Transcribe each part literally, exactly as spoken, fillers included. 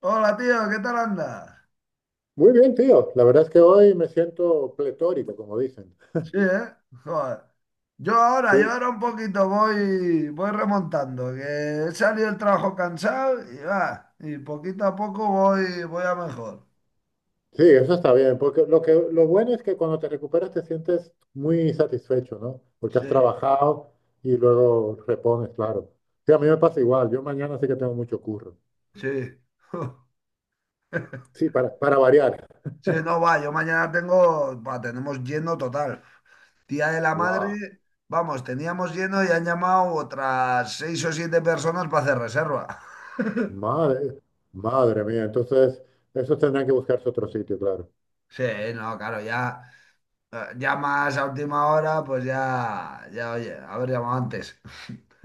Hola tío, ¿qué tal andas? Muy bien, tío. La verdad es que hoy me siento pletórico, como dicen. Sí, ¿eh? Joder. Yo ahora, yo Sí, ahora un poquito voy, voy remontando, que he salido del trabajo cansado y va, y poquito a poco voy, voy a mejor. sí, eso está bien, porque lo que, lo bueno es que cuando te recuperas te sientes muy satisfecho, ¿no? Porque has Sí, trabajado y luego repones, claro. Sí, a mí me pasa igual. Yo mañana sí que tengo mucho curro. sí. Sí, para, para variar. Sí, no va, yo mañana tengo, va, tenemos lleno total. Tía de la ¡Guau! madre, vamos, teníamos lleno y han llamado otras seis o siete personas para hacer reserva. Madre, madre mía. Entonces, esos tendrán que buscarse otro sitio, claro. Sí, no, claro, ya. eh, llamas a última hora, pues ya, ya, oye, haber llamado antes.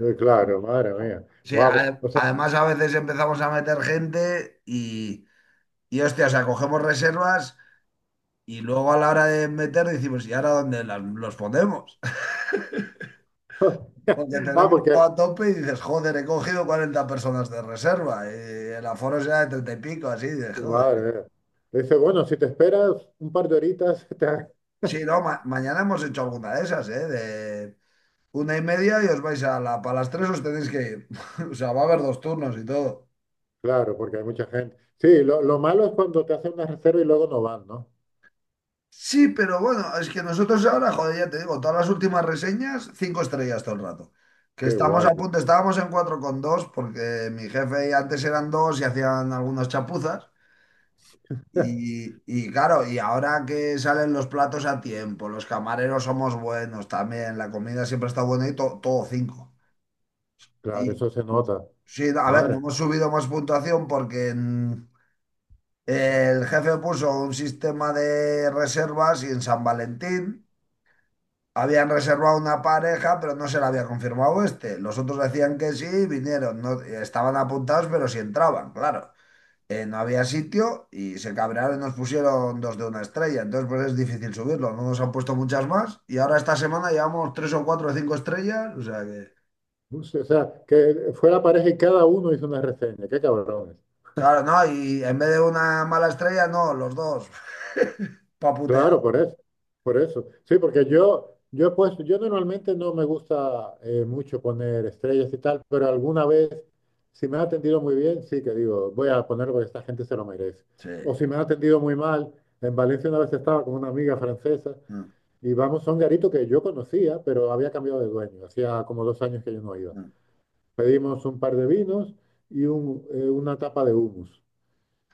Eh, Claro, madre mía. Sí, Guau, a- o sea, además a veces empezamos a meter gente y, y hostia, o sea, cogemos reservas y luego a la hora de meter decimos, ¿y ahora dónde las- los ponemos? Porque ah, tenemos porque todo a tope y dices, joder, he cogido cuarenta personas de reserva y el aforo será de treinta y pico, así, de Vale. joder. vale. Le dice, bueno, si te esperas un par de horitas, te ha-". Sí, no, ma- mañana hemos hecho alguna de esas, ¿eh? De una y media y os vais a la, para las tres os tenéis que ir. O sea, va a haber dos turnos y todo. Claro, porque hay mucha gente. Sí, lo, lo malo es cuando te hacen una reserva y luego no van, ¿no? Sí, pero bueno, es que nosotros ahora, joder, ya te digo, todas las últimas reseñas, cinco estrellas todo el rato. Que Qué estamos guay, a tío. punto, estábamos en cuatro coma dos porque mi jefe antes eran dos y hacían algunas chapuzas. Y, y claro, y ahora que salen los platos a tiempo, los camareros somos buenos también, la comida siempre está buena y to- todo cinco. Claro, Y eso se nota. sí, a ver, no Madre. hemos subido más puntuación porque mm, el jefe puso un sistema de reservas y en San Valentín. Habían reservado una pareja, pero no se la había confirmado este. Los otros decían que sí, vinieron, no, estaban apuntados, pero sí entraban, claro. Eh, no había sitio y se cabrearon y nos pusieron dos de una estrella. Entonces, pues es difícil subirlo. No nos han puesto muchas más. Y ahora esta semana llevamos tres o cuatro o cinco estrellas. O sea que, O sea, que fue la pareja y cada uno hizo una reseña. Qué cabrón. claro, no. Y en vez de una mala estrella, no, los dos. Pa' putear. Claro, por eso, por eso. Sí, porque yo, yo he puesto, yo normalmente no me gusta eh, mucho poner estrellas y tal, pero alguna vez, si me ha atendido muy bien, sí que digo, voy a ponerlo porque esta gente se lo merece. O Sí. si me ha atendido muy mal, en Valencia una vez estaba con una amiga francesa Mm, y vamos a un garito que yo conocía, pero había cambiado de dueño, hacía como dos años que yo no iba. mm, Pedimos un par de vinos y un, eh, una tapa de hummus.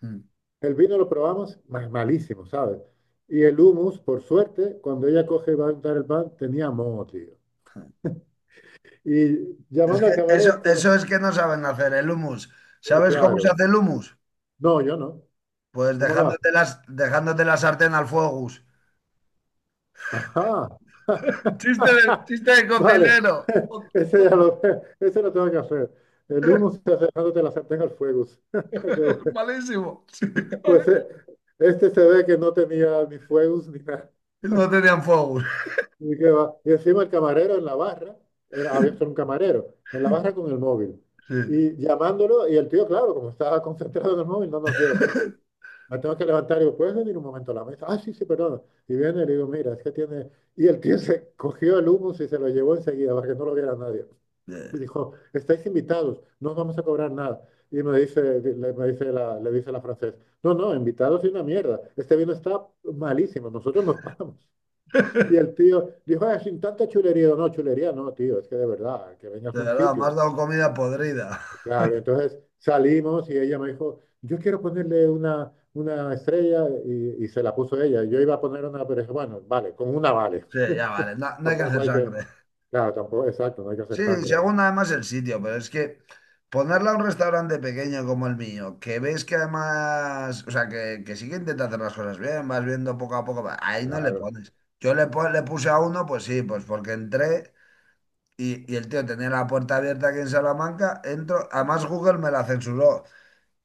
mm. El vino lo probamos ma- malísimo, ¿sabes? Y el hummus, por suerte, cuando ella coge y va a untar el pan, tenía moho, tío. Y Es llamando que al camarero, el eso, cama- eso es que no saben hacer el humus. eh, ¿Sabes cómo se claro. hace el humus? No, yo no. Pues ¿Cómo lo hago? dejándote, las, dejándote la sartén al fuego. Gus. Ajá. Chiste de, chiste de Vale. cocinero. Ese ya lo, ese lo tengo que hacer. El hummus está dejándote la sartén al fuego. Qué bueno. Malísimo. Sí, vale. Pues eh, este se ve que no tenía ni fuegos ni nada. No tenían fuego. Y, que va- y encima el camarero en la barra, era, había solo un camarero, en la barra con el móvil. Sí. Y llamándolo, y el tío, claro, como estaba concentrado en el móvil, no nos ve. Me tengo que levantar y digo, ¿puedes venir un momento a la mesa? Ah, sí, sí, perdón. Y viene y le digo, mira, es que tiene... Y el tío se cogió el humus y se lo llevó enseguida para que no lo viera nadie. De Y dijo, estáis invitados, no os vamos a cobrar nada. Y me dice, le, me dice la, le dice la francesa, no, no, invitados es una mierda. Este vino está malísimo, nosotros nos vamos. Y el tío dijo, "Ah, sin tanta chulería". Digo, no, chulería no, tío, es que de verdad, que vengas a un verdad, me sitio. has dado comida podrida. Claro, entonces salimos y ella me dijo, yo quiero ponerle una, una estrella y, y se la puso ella. Yo iba a poner una, pero dije, bueno, vale, con una vale. Sí, ya vale, no, no hay que Tampoco hacer hay que, sangre. claro, tampoco, exacto, no hay que Sí, hacer sangre, hombre. según además el sitio, pero es que ponerla a un restaurante pequeño como el mío, que ves que además, o sea, que, que sí que intenta hacer las cosas bien, vas viendo poco a poco, ahí no le Claro. pones. Yo le, pon- le puse a uno, pues sí, pues porque entré. Y, y el tío tenía la puerta abierta aquí en Salamanca, entro, además Google me la censuró,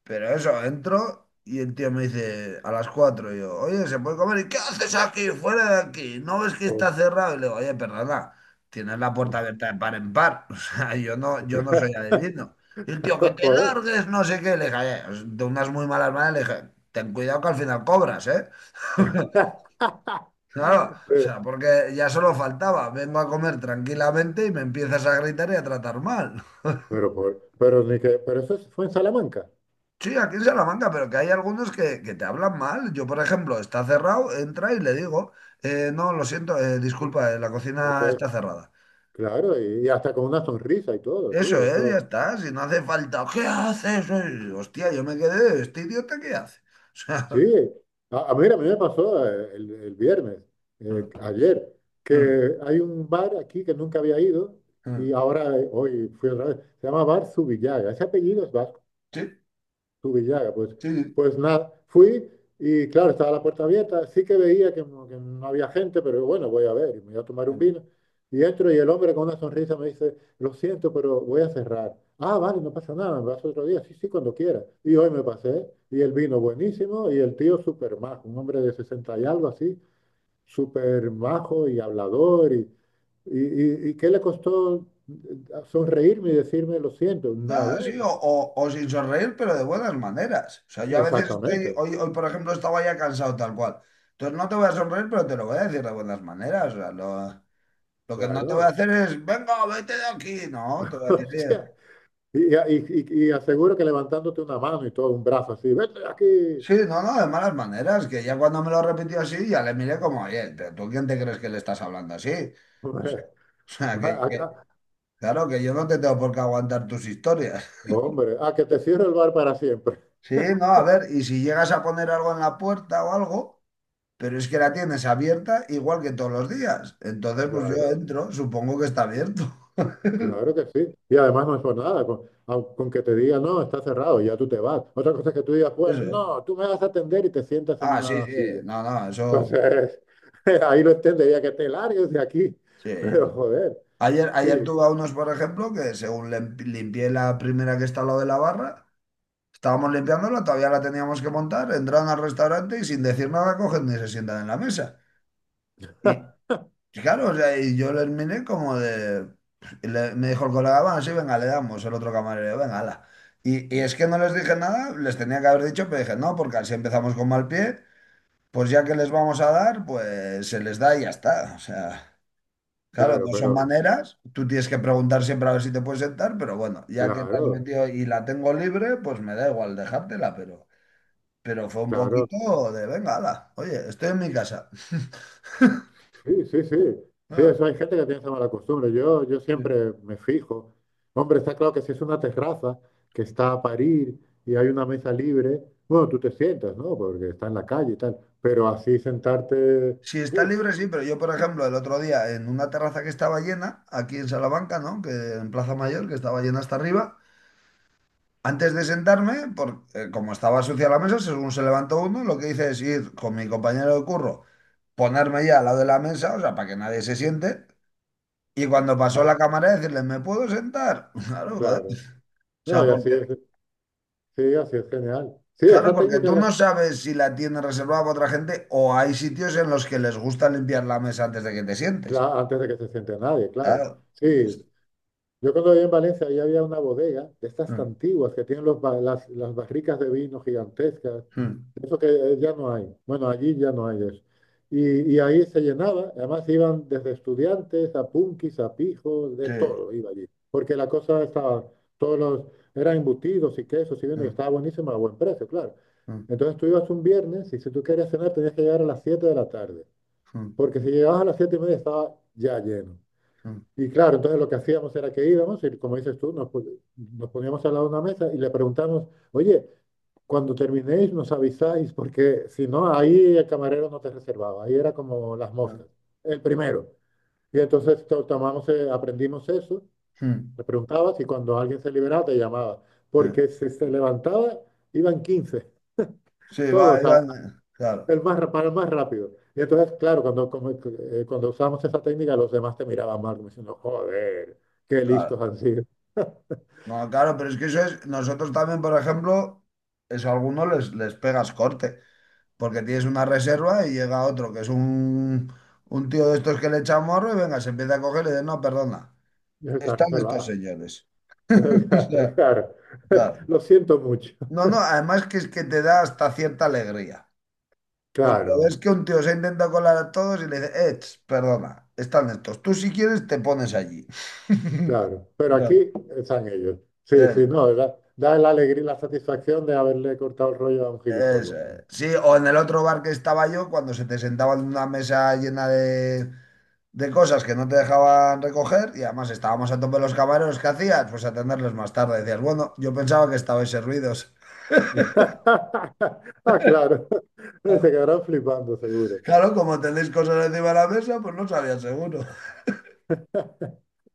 pero eso, entro y el tío me dice a las cuatro y yo, oye, ¿se puede comer? ¿Y qué haces aquí? Fuera de aquí, ¿no ves que Pues, está cerrado? Y le digo, oye, perdona, tienes la puerta abierta de par en par, o sea, yo no, yo no soy adivino. Y el tío, que claro, te joder. largues, no sé qué, le dije, "Oye, de unas muy malas maneras, le dije, ten cuidado que al final cobras, ¿eh? Claro, o Pero, sea, porque ya solo faltaba, vengo a comer tranquilamente y me empiezas a gritar y a tratar mal. pero, por- pero, ni que, pero eso es- fue en Salamanca. Sí, aquí en Salamanca, pero que hay algunos que, que te hablan mal. Yo, por ejemplo, está cerrado, entra y le digo, eh, no, lo siento, eh, disculpa, eh, la cocina Entonces, está cerrada. claro, y, y hasta con una sonrisa y todo, Eso tío. es, ya Eso, está, si no hace falta, ¿qué haces? Eh, Hostia, yo me quedé, este idiota, ¿qué hace? O sea, sí, a, a- mira, a mí me pasó eh, el, el viernes, eh, mm, ayer, mm, que hay un bar aquí que nunca había ido y mm. ahora eh, hoy fui otra vez. Se llama Bar Subillaga. Ese apellido es Sí, tu Villaga. Pues, sí. pues nada, fui y claro, estaba la puerta abierta, sí que veía que, no que no había gente, pero bueno, voy a ver, y me voy a tomar Sí. un Mm. vino. Y entro y el hombre con una sonrisa me dice, lo siento, pero voy a cerrar. Ah, vale, no pasa nada, me vas otro día, sí, sí, cuando quieras. Y hoy me pasé, y el vino buenísimo, y el tío súper majo, un hombre de sesenta y algo así, súper majo y hablador, y, y, y, y ¿qué le costó sonreírme y decirme lo siento? Ah, Nada, sí, o, o- o sin sonreír, pero de buenas maneras. O sea, yo a veces estoy, exactamente, hoy, hoy por ejemplo, estaba ya cansado tal cual. Entonces no te voy a sonreír, pero te lo voy a decir de buenas maneras. O sea, lo- lo que no te voy a claro. hacer es, venga, vete de aquí. No, te voy a decir, Hostia, "Oye, y, y- y- y aseguro que levantándote una mano y todo, un brazo así, vete de aquí. sí, no, no, de malas maneras, que ya cuando me lo repitió así, ya le miré como, oye, pero ¿tú quién te crees que le estás hablando así? Hombre, O sea, va que, que- acá, claro, que yo no te tengo por qué aguantar tus historias. hombre, a que te cierre el bar para siempre. Sí, no, a ver, y si llegas a poner algo en la puerta o algo, pero es que la tienes abierta igual que todos los días. Entonces, pues yo Claro, entro, supongo que está abierto. claro que sí. Y además no es por nada, con, au- con que te diga, no, está cerrado, ya tú te vas. Otra cosa es que tú digas, pues Eso es. no, tú me vas a atender y te sientas en Ah, sí, una sí, silla. no, no, eso, Entonces, ahí lo entendería que te largues de aquí, sí. pero joder, Ayer, ayer sí, tuve a unos, por ejemplo, que según lim- limpié la primera que está al lado de la barra, estábamos limpiándola, todavía la teníamos que montar, entraron al restaurante y sin decir nada cogen y se sientan en la mesa. Y claro, o sea, y yo les miré como de, y le- me dijo el colega, bueno, sí, venga, le damos, el otro camarero, venga, ala. Y, y es que no les dije nada, les tenía que haber dicho, pero dije, no, porque así empezamos con mal pie, pues ya que les vamos a dar, pues se les da y ya está. O sea, claro, claro, no son pero maneras. Tú tienes que preguntar siempre a ver si te puedes sentar, pero bueno, ya que te has claro, metido y la tengo libre, pues me da igual dejártela, pero, pero fue un claro. poquito de, venga, hala, oye, estoy en mi casa. Sí, sí, sí. Sí, Ah, eso hay gente que tiene esa mala costumbre. Yo, yo sí. siempre me fijo. Hombre, está claro que si es una terraza que está a parir y hay una mesa libre, bueno, tú te sientas, ¿no? Porque está en la calle y tal. Pero así sentarte, Si está uff, libre, sí, pero yo, por ejemplo, el otro día en una terraza que estaba llena, aquí en Salamanca, ¿no? Que en Plaza Mayor, que estaba llena hasta arriba. Antes de sentarme, por, eh, como estaba sucia la mesa, según se levantó uno, lo que hice es ir con mi compañero de curro, ponerme ya al lado de la mesa, o sea, para que nadie se siente, y cuando pasó claro. la cámara decirle, ¿me puedo sentar? Claro, joder. O Claro. No, sea, y así porque, es, sí, así es genial. Sí, claro, esa porque técnica, tú la- no sabes si la tienes reservada para otra gente o hay sitios en los que les gusta limpiar la mesa antes de que te sientes. cla- antes de que se siente nadie, claro. Claro. Y es- Sí, yo cuando vivía en Valencia, ahí había una bodega de estas Mm, antiguas que tienen los ba- las, las barricas de vino gigantescas, mm, de eso que eh, ya no hay. Bueno, allí ya no hay eso. Y, y ahí se llenaba, además iban desde estudiantes a punkis, a pijos, de sí. todo iba allí. Porque la cosa estaba, todos los, eran embutidos y quesos y vino, y Mm, estaba buenísima a buen precio, claro. mm, Entonces tú ibas un viernes y si tú querías cenar tenías que llegar a las siete de la tarde, mm, porque si llegabas a las siete y media estaba ya lleno. mm, Y claro, entonces lo que hacíamos era que íbamos y como dices tú, nos, pu- nos poníamos al lado de una mesa y le preguntamos, oye, cuando terminéis nos avisáis, porque si no, ahí el camarero no te reservaba, ahí era como las mm, moscas, el primero. Y entonces to- tomamos, eh, aprendimos eso, mm, le preguntabas y cuando alguien se liberaba te llamaba, porque sí. si se levantaba iban quince Sí, va, todos, iba, a- claro. el más, ra- para el más rápido. Y entonces, claro, cuando, como- eh, cuando usamos esa técnica, los demás te miraban mal, como diciendo, joder, qué listos Claro. han sido. No, claro, pero es que eso es, nosotros también, por ejemplo, eso a algunos les, les pegas corte, porque tienes una reserva y llega otro que es un, un tío de estos que le echa morro y venga, se empieza a coger y le dice, no, perdona, Ya está están estos reservada. señores. O sea, Claro. claro. Lo siento mucho. No, no, además que es que te da hasta cierta alegría, porque ves Claro, que un tío se intenta colar a todos y le dice, "Ech, perdona, están estos, tú si quieres te pones allí. claro. Pero No, aquí están ellos. Sí, sí, eso no, da, da la alegría y la satisfacción de haberle cortado el rollo a un Eso gilipollas. es. Sí, o en el otro bar que estaba yo, cuando se te sentaban en una mesa llena de, de cosas que no te dejaban recoger y además estábamos a tope los camareros, ¿qué hacías? Pues atenderles más tarde. Decías, bueno, yo pensaba que estabais servidos. Ah, claro. Se Claro, quedarán flipando, seguro. claro, como tenéis cosas encima de la mesa, pues no sabía seguro.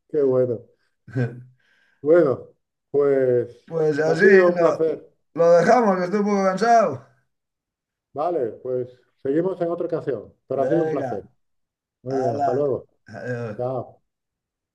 Qué bueno. Bueno, pues Pues ha así, sido un lo, placer. lo dejamos, que estoy un poco cansado. Vale, pues seguimos en otra ocasión, pero ha sido un Venga, placer. Muy bien, hasta hala. luego. Adiós. Chao.